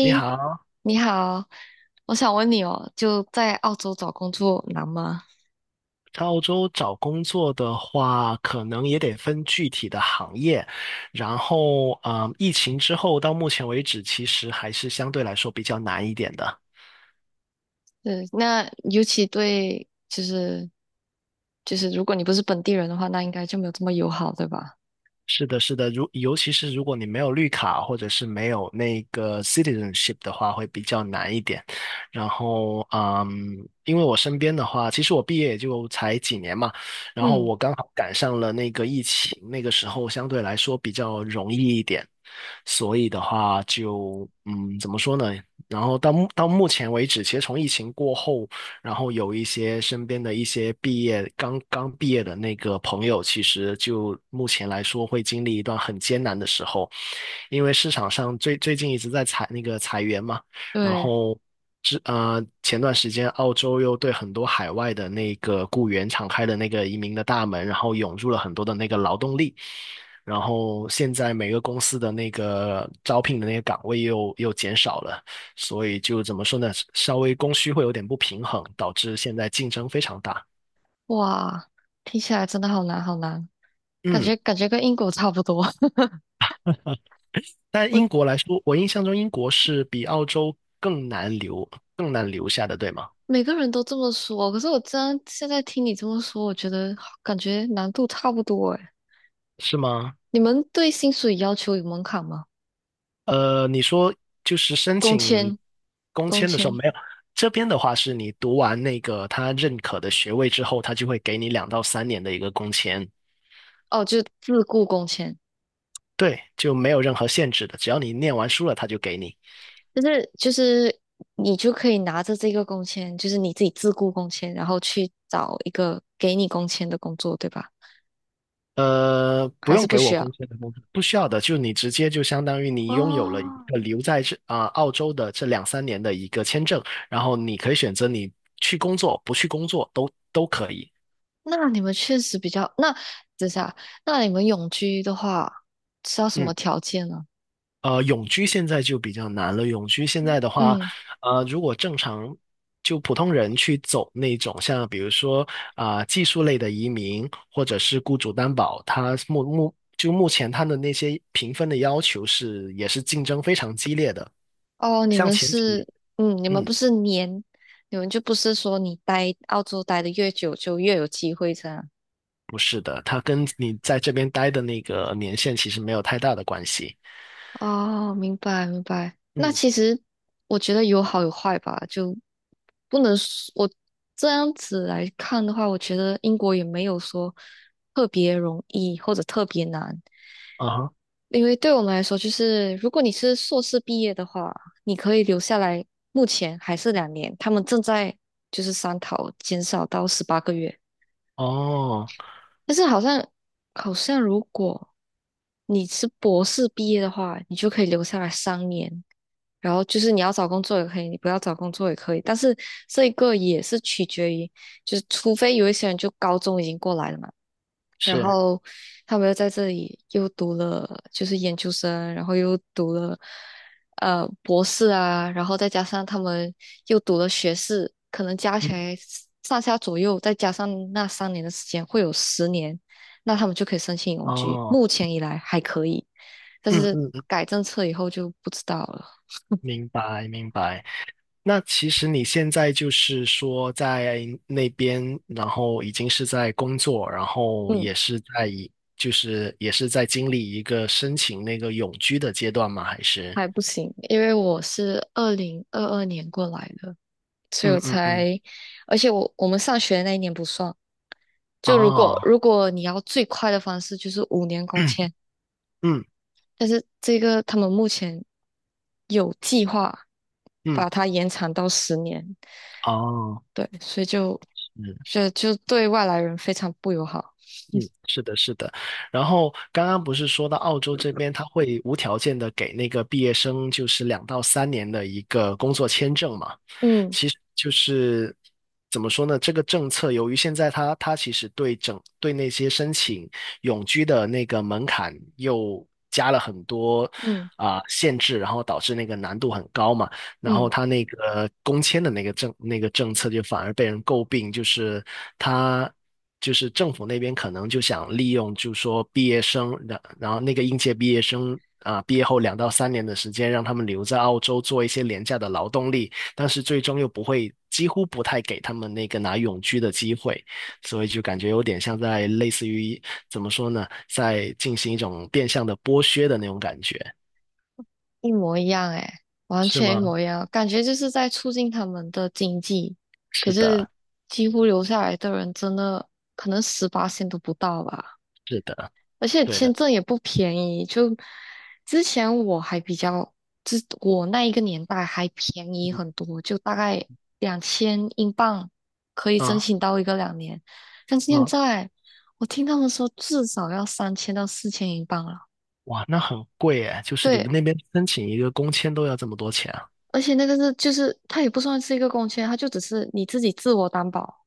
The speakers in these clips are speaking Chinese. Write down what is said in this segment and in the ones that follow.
你好。你好，我想问你哦，就在澳洲找工作难吗？在澳洲找工作的话，可能也得分具体的行业。然后，疫情之后到目前为止，其实还是相对来说比较难一点的。对，那尤其对，就是，如果你不是本地人的话，那应该就没有这么友好，对吧？是的，是的，尤其是如果你没有绿卡或者是没有那个 citizenship 的话，会比较难一点。然后，因为我身边的话，其实我毕业也就才几年嘛，然后嗯，我刚好赶上了那个疫情，那个时候相对来说比较容易一点，所以的话就，怎么说呢？然后到目前为止，其实从疫情过后。然后有一些身边的一些刚刚毕业的那个朋友，其实就目前来说会经历一段很艰难的时候，因为市场上最近一直在裁员嘛，然对，后前段时间澳洲又对很多海外的那个雇员敞开了那个移民的大门，然后涌入了很多的那个劳动力。然后现在每个公司的那个招聘的那个岗位又减少了，所以就怎么说呢，稍微供需会有点不平衡，导致现在竞争非常大。哇，听起来真的好难，好难，感嗯。觉感觉跟英国差不多。但我英国来说，我印象中英国是比澳洲更难留下的，对吗？每个人都这么说，可是我真现在听你这么说，我觉得感觉难度差不多哎，是吗？你们对薪水要求有门槛吗？你说就是申工请签，工工签的时候签，没有，这边的话是你读完那个他认可的学位之后，他就会给你两到三年的一个工签，哦，就自雇工签。对，就没有任何限制的，只要你念完书了，他就给你。就是你就可以拿着这个工签，就是你自己自雇工签，然后去找一个给你工签的工作，对吧？不还是用不给需我要？工签的工作，不需要的，就你直接就相当于你拥有了一哦，个留在这啊、澳洲的这两三年的一个签证，然后你可以选择你去工作，不去工作都可以。那你们确实比较，那等一下，那你们永居的话是要什么嗯。条件呢？永居现在就比较难了。永居现在的话，嗯，如果正常就普通人去走那种像比如说啊、技术类的移民，或者是雇主担保，他目前他的那些评分的要求是也是竞争非常激烈的。哦，你像们前几年。是，你们嗯。不是年，你们就不是说你待澳洲待的越久就越有机会这样。不是的，它跟你在这边待的那个年限其实没有太大的关系。哦，明白明白。那嗯。其实我觉得有好有坏吧，就不能说我这样子来看的话，我觉得英国也没有说特别容易或者特别难，啊哈。因为对我们来说，就是如果你是硕士毕业的话，你可以留下来，目前还是两年，他们正在就是商讨减少到18个月，哦。但是好像如果你是博士毕业的话，你就可以留下来三年。然后就是你要找工作也可以，你不要找工作也可以，但是这一个也是取决于，就是除非有一些人就高中已经过来了嘛，然是。后他们又在这里又读了就是研究生，然后又读了博士啊，然后再加上他们又读了学士，可能加嗯。起来上下左右，再加上那三年的时间，会有十年，那他们就可以申请永居。哦。目前以来还可以，但嗯是嗯嗯。改政策以后就不知道了。明白明白。那其实你现在就是说在那边，然后已经是在工作，然后嗯。也是就是也是在经历一个申请那个永居的阶段吗？还是？还不行，因为我是2022年过来的，所以我嗯嗯嗯。才，而且我们上学的那一年不算。就如果哦。如果你要最快的方式，就是5年 工嗯签，嗯。但是这个他们目前有计划嗯。把它延长到十年，哦。对，所以就嗯。就就对外来人非常不友好。嗯，是的，是的。然后刚刚不是说到澳洲这边，他会无条件的给那个毕业生就是两到三年的一个工作签证嘛？嗯其实就是怎么说呢？这个政策由于现在它其实对那些申请永居的那个门槛又加了很多嗯啊、限制，然后导致那个难度很高嘛。然后嗯。它那个工签的那个政策就反而被人诟病，就是它。就是政府那边可能就想利用，就是说毕业生，然后那个应届毕业生啊、毕业后两到三年的时间，让他们留在澳洲做一些廉价的劳动力，但是最终又不会，几乎不太给他们那个拿永居的机会，所以就感觉有点像在类似于怎么说呢，在进行一种变相的剥削的那种感觉，一模一样哎，完是全一吗？模一样，感觉就是在促进他们的经济。可是是的，几乎留下来的人真的可能十八线都不到吧，是的，而且对签的。证也不便宜。就之前我还比较，我那一个年代还便宜很多，就大概2000英镑可以申啊。请到一个两年，但现啊。在我听他们说至少要3000到4000英镑了。哇，那很贵诶，就是你们对，那边申请一个工签都要这么多钱啊？而且那个是就是它也不算是一个公签，它就只是你自己自我担保，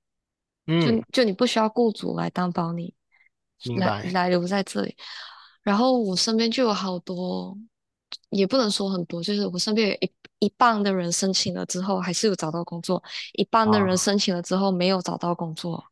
嗯。就你不需要雇主来担保你明来白。来留在这里。然后我身边就有好多，也不能说很多，就是我身边有一半的人申请了之后还是有找到工作，一半的人啊。申请了之后没有找到工作。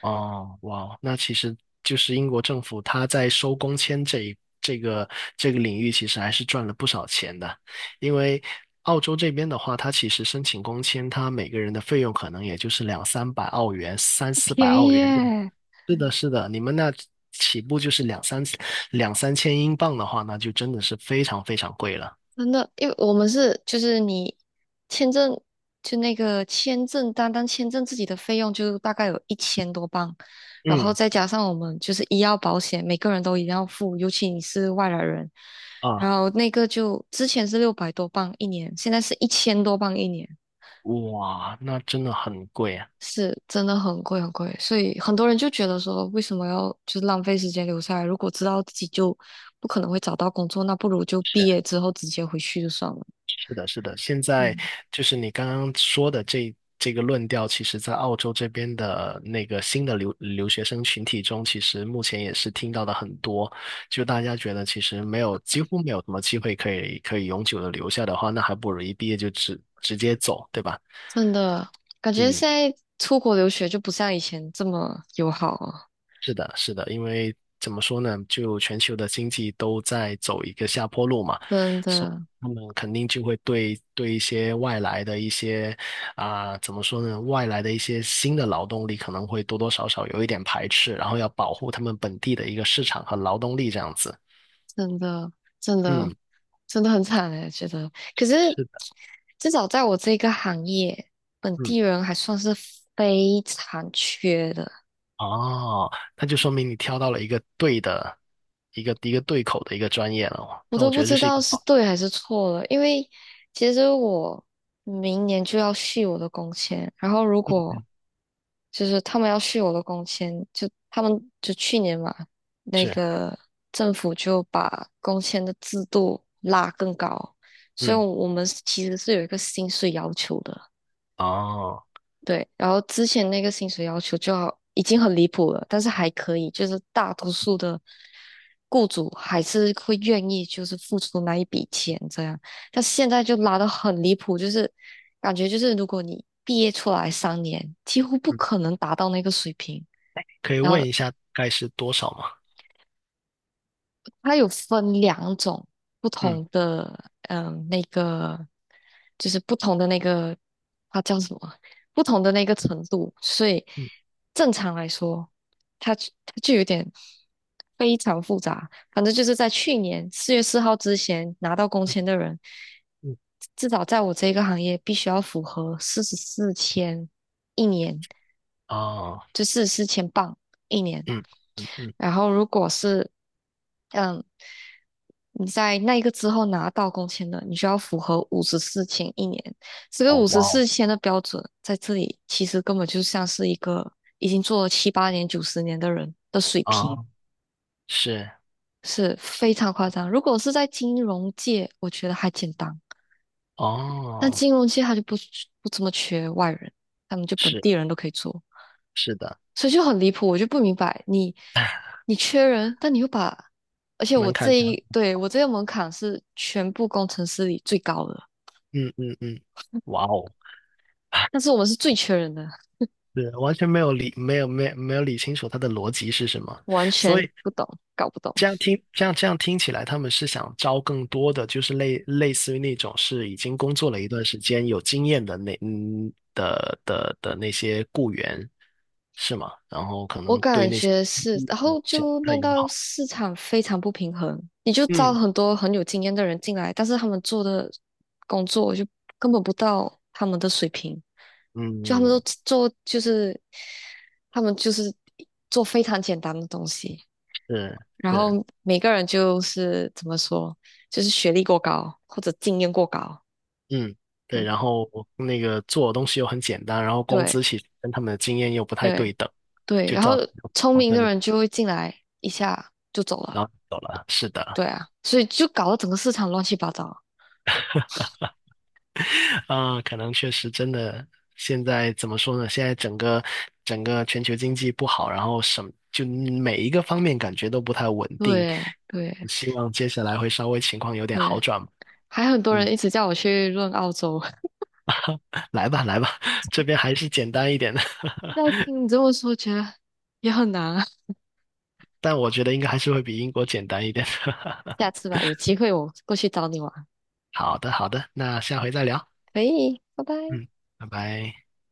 哦，哇，那其实就是英国政府他在收工签这个领域，其实还是赚了不少钱的。因为澳洲这边的话，它其实申请工签，它每个人的费用可能也就是两三百澳元、三四百便澳宜元这样。耶，是的，是的，你们那起步就是两三千英镑的话，那就真的是非常非常贵了。真的，因为我们是就是你签证就那个签证，单单签证自己的费用就大概有一千多镑，然后嗯。再加上我们就是医药保险，每个人都一定要付，尤其你是外来人，啊。然后那个就之前是600多镑一年，现在是一千多镑一年，哇，那真的很贵啊。是真的很贵很贵，所以很多人就觉得说，为什么要就是浪费时间留下来？如果知道自己就不可能会找到工作，那不如就毕业是。之后直接回去就算了。是的，是的，现在嗯。就是你刚刚说的这个论调，其实在澳洲这边的那个新的留学生群体中，其实目前也是听到的很多。就大家觉得其实没有，几乎没有什么机会可以永久的留下的话，那还不如一毕业就直接走，对吧？真的，感觉嗯。现在出国留学就不像以前这么友好了，是的，是的，因为怎么说呢，就全球的经济都在走一个下坡路嘛，真所以的，他们肯定就会对一些外来的一些啊、怎么说呢，外来的一些新的劳动力可能会多多少少有一点排斥，然后要保护他们本地的一个市场和劳动力这样子。真的，真的，嗯。真的很惨哎，觉得。可是是的。至少在我这个行业，本嗯。地人还算是非常缺的，哦，那就说明你挑到了一个对的一个对口的一个专业了哦，我那我都觉不得这知是一道个是好。对还是错了。因为其实我明年就要续我的工签，然后如果嗯。就是他们要续我的工签，就他们就去年嘛，那是。个政府就把工签的制度拉更高，所以嗯。我们是其实是有一个薪水要求的，哦。对。然后之前那个薪水要求就好，已经很离谱了，但是还可以，就是大多数的雇主还是会愿意就是付出那一笔钱这样，但现在就拉得很离谱，就是感觉就是如果你毕业出来三年，几乎不嗯。可能达到那个水平。可以然问后一下大概是多少吗？它有分两种不嗯同的，那个就是不同的那个，它叫什么？不同的那个程度。所以嗯正常来说，它就有点非常复杂。反正就是在去年4月4号之前拿到工签的人，嗯。至少在我这个行业必须要符合44000一年。哦。就是4000镑一年。嗯嗯嗯。然后如果是嗯你在那一个之后拿到工签的，你需要符合五十四千一年。这个哦五十哇四哦。千的标准在这里其实根本就像是一个已经做了七八年、九十年的人的水平，啊。是。是非常夸张。如果是在金融界，我觉得还简单，但哦。金融界他就不怎么缺外人，他们就本是。地人都可以做。是的。所以就很离谱，我就不明白你缺人，但你又把，而且我门槛这条，一对我这个门槛是全部工程师里最高的，嗯嗯嗯。哇哦。但是我们是最缺人的，是完全没有理没有没有没有理清楚它的逻辑是什么，完所全以不懂，搞不懂。这样听起来，他们是想招更多的，就是类似于那种是已经工作了一段时间、有经验的那嗯的的的那些雇员，是吗？然后可我能对感那些觉是，然后这不就太弄友到好。市场非常不平衡，你就招嗯很多很有经验的人进来，但是他们做的工作就根本不到他们的水平，就他们都嗯。做就是他们就是做非常简单的东西。是然是，后每个人就是怎么说，就是学历过高或者经验过高，嗯对，嗯，然后那个做的东西又很简单，然后工对资其实跟他们的经验又不太对对等，对，就然后造成聪矛明盾，的人就会进来一下就走了，然后走了。是的。对啊，所以就搞得整个市场乱七八糟，啊，可能确实真的，现在怎么说呢？现在整个全球经济不好，然后就每一个方面感觉都不太稳定。对对希望接下来会稍微情况有点对，好转。还很多嗯。人一直叫我去润澳洲，来吧来吧，这边还是简单一点的，现在听你这么说，觉得也很难啊，但我觉得应该还是会比英国简单一点的。下次吧，有机会我过去找你玩，好的好的，那下回再聊。可以，拜拜。嗯。拜拜。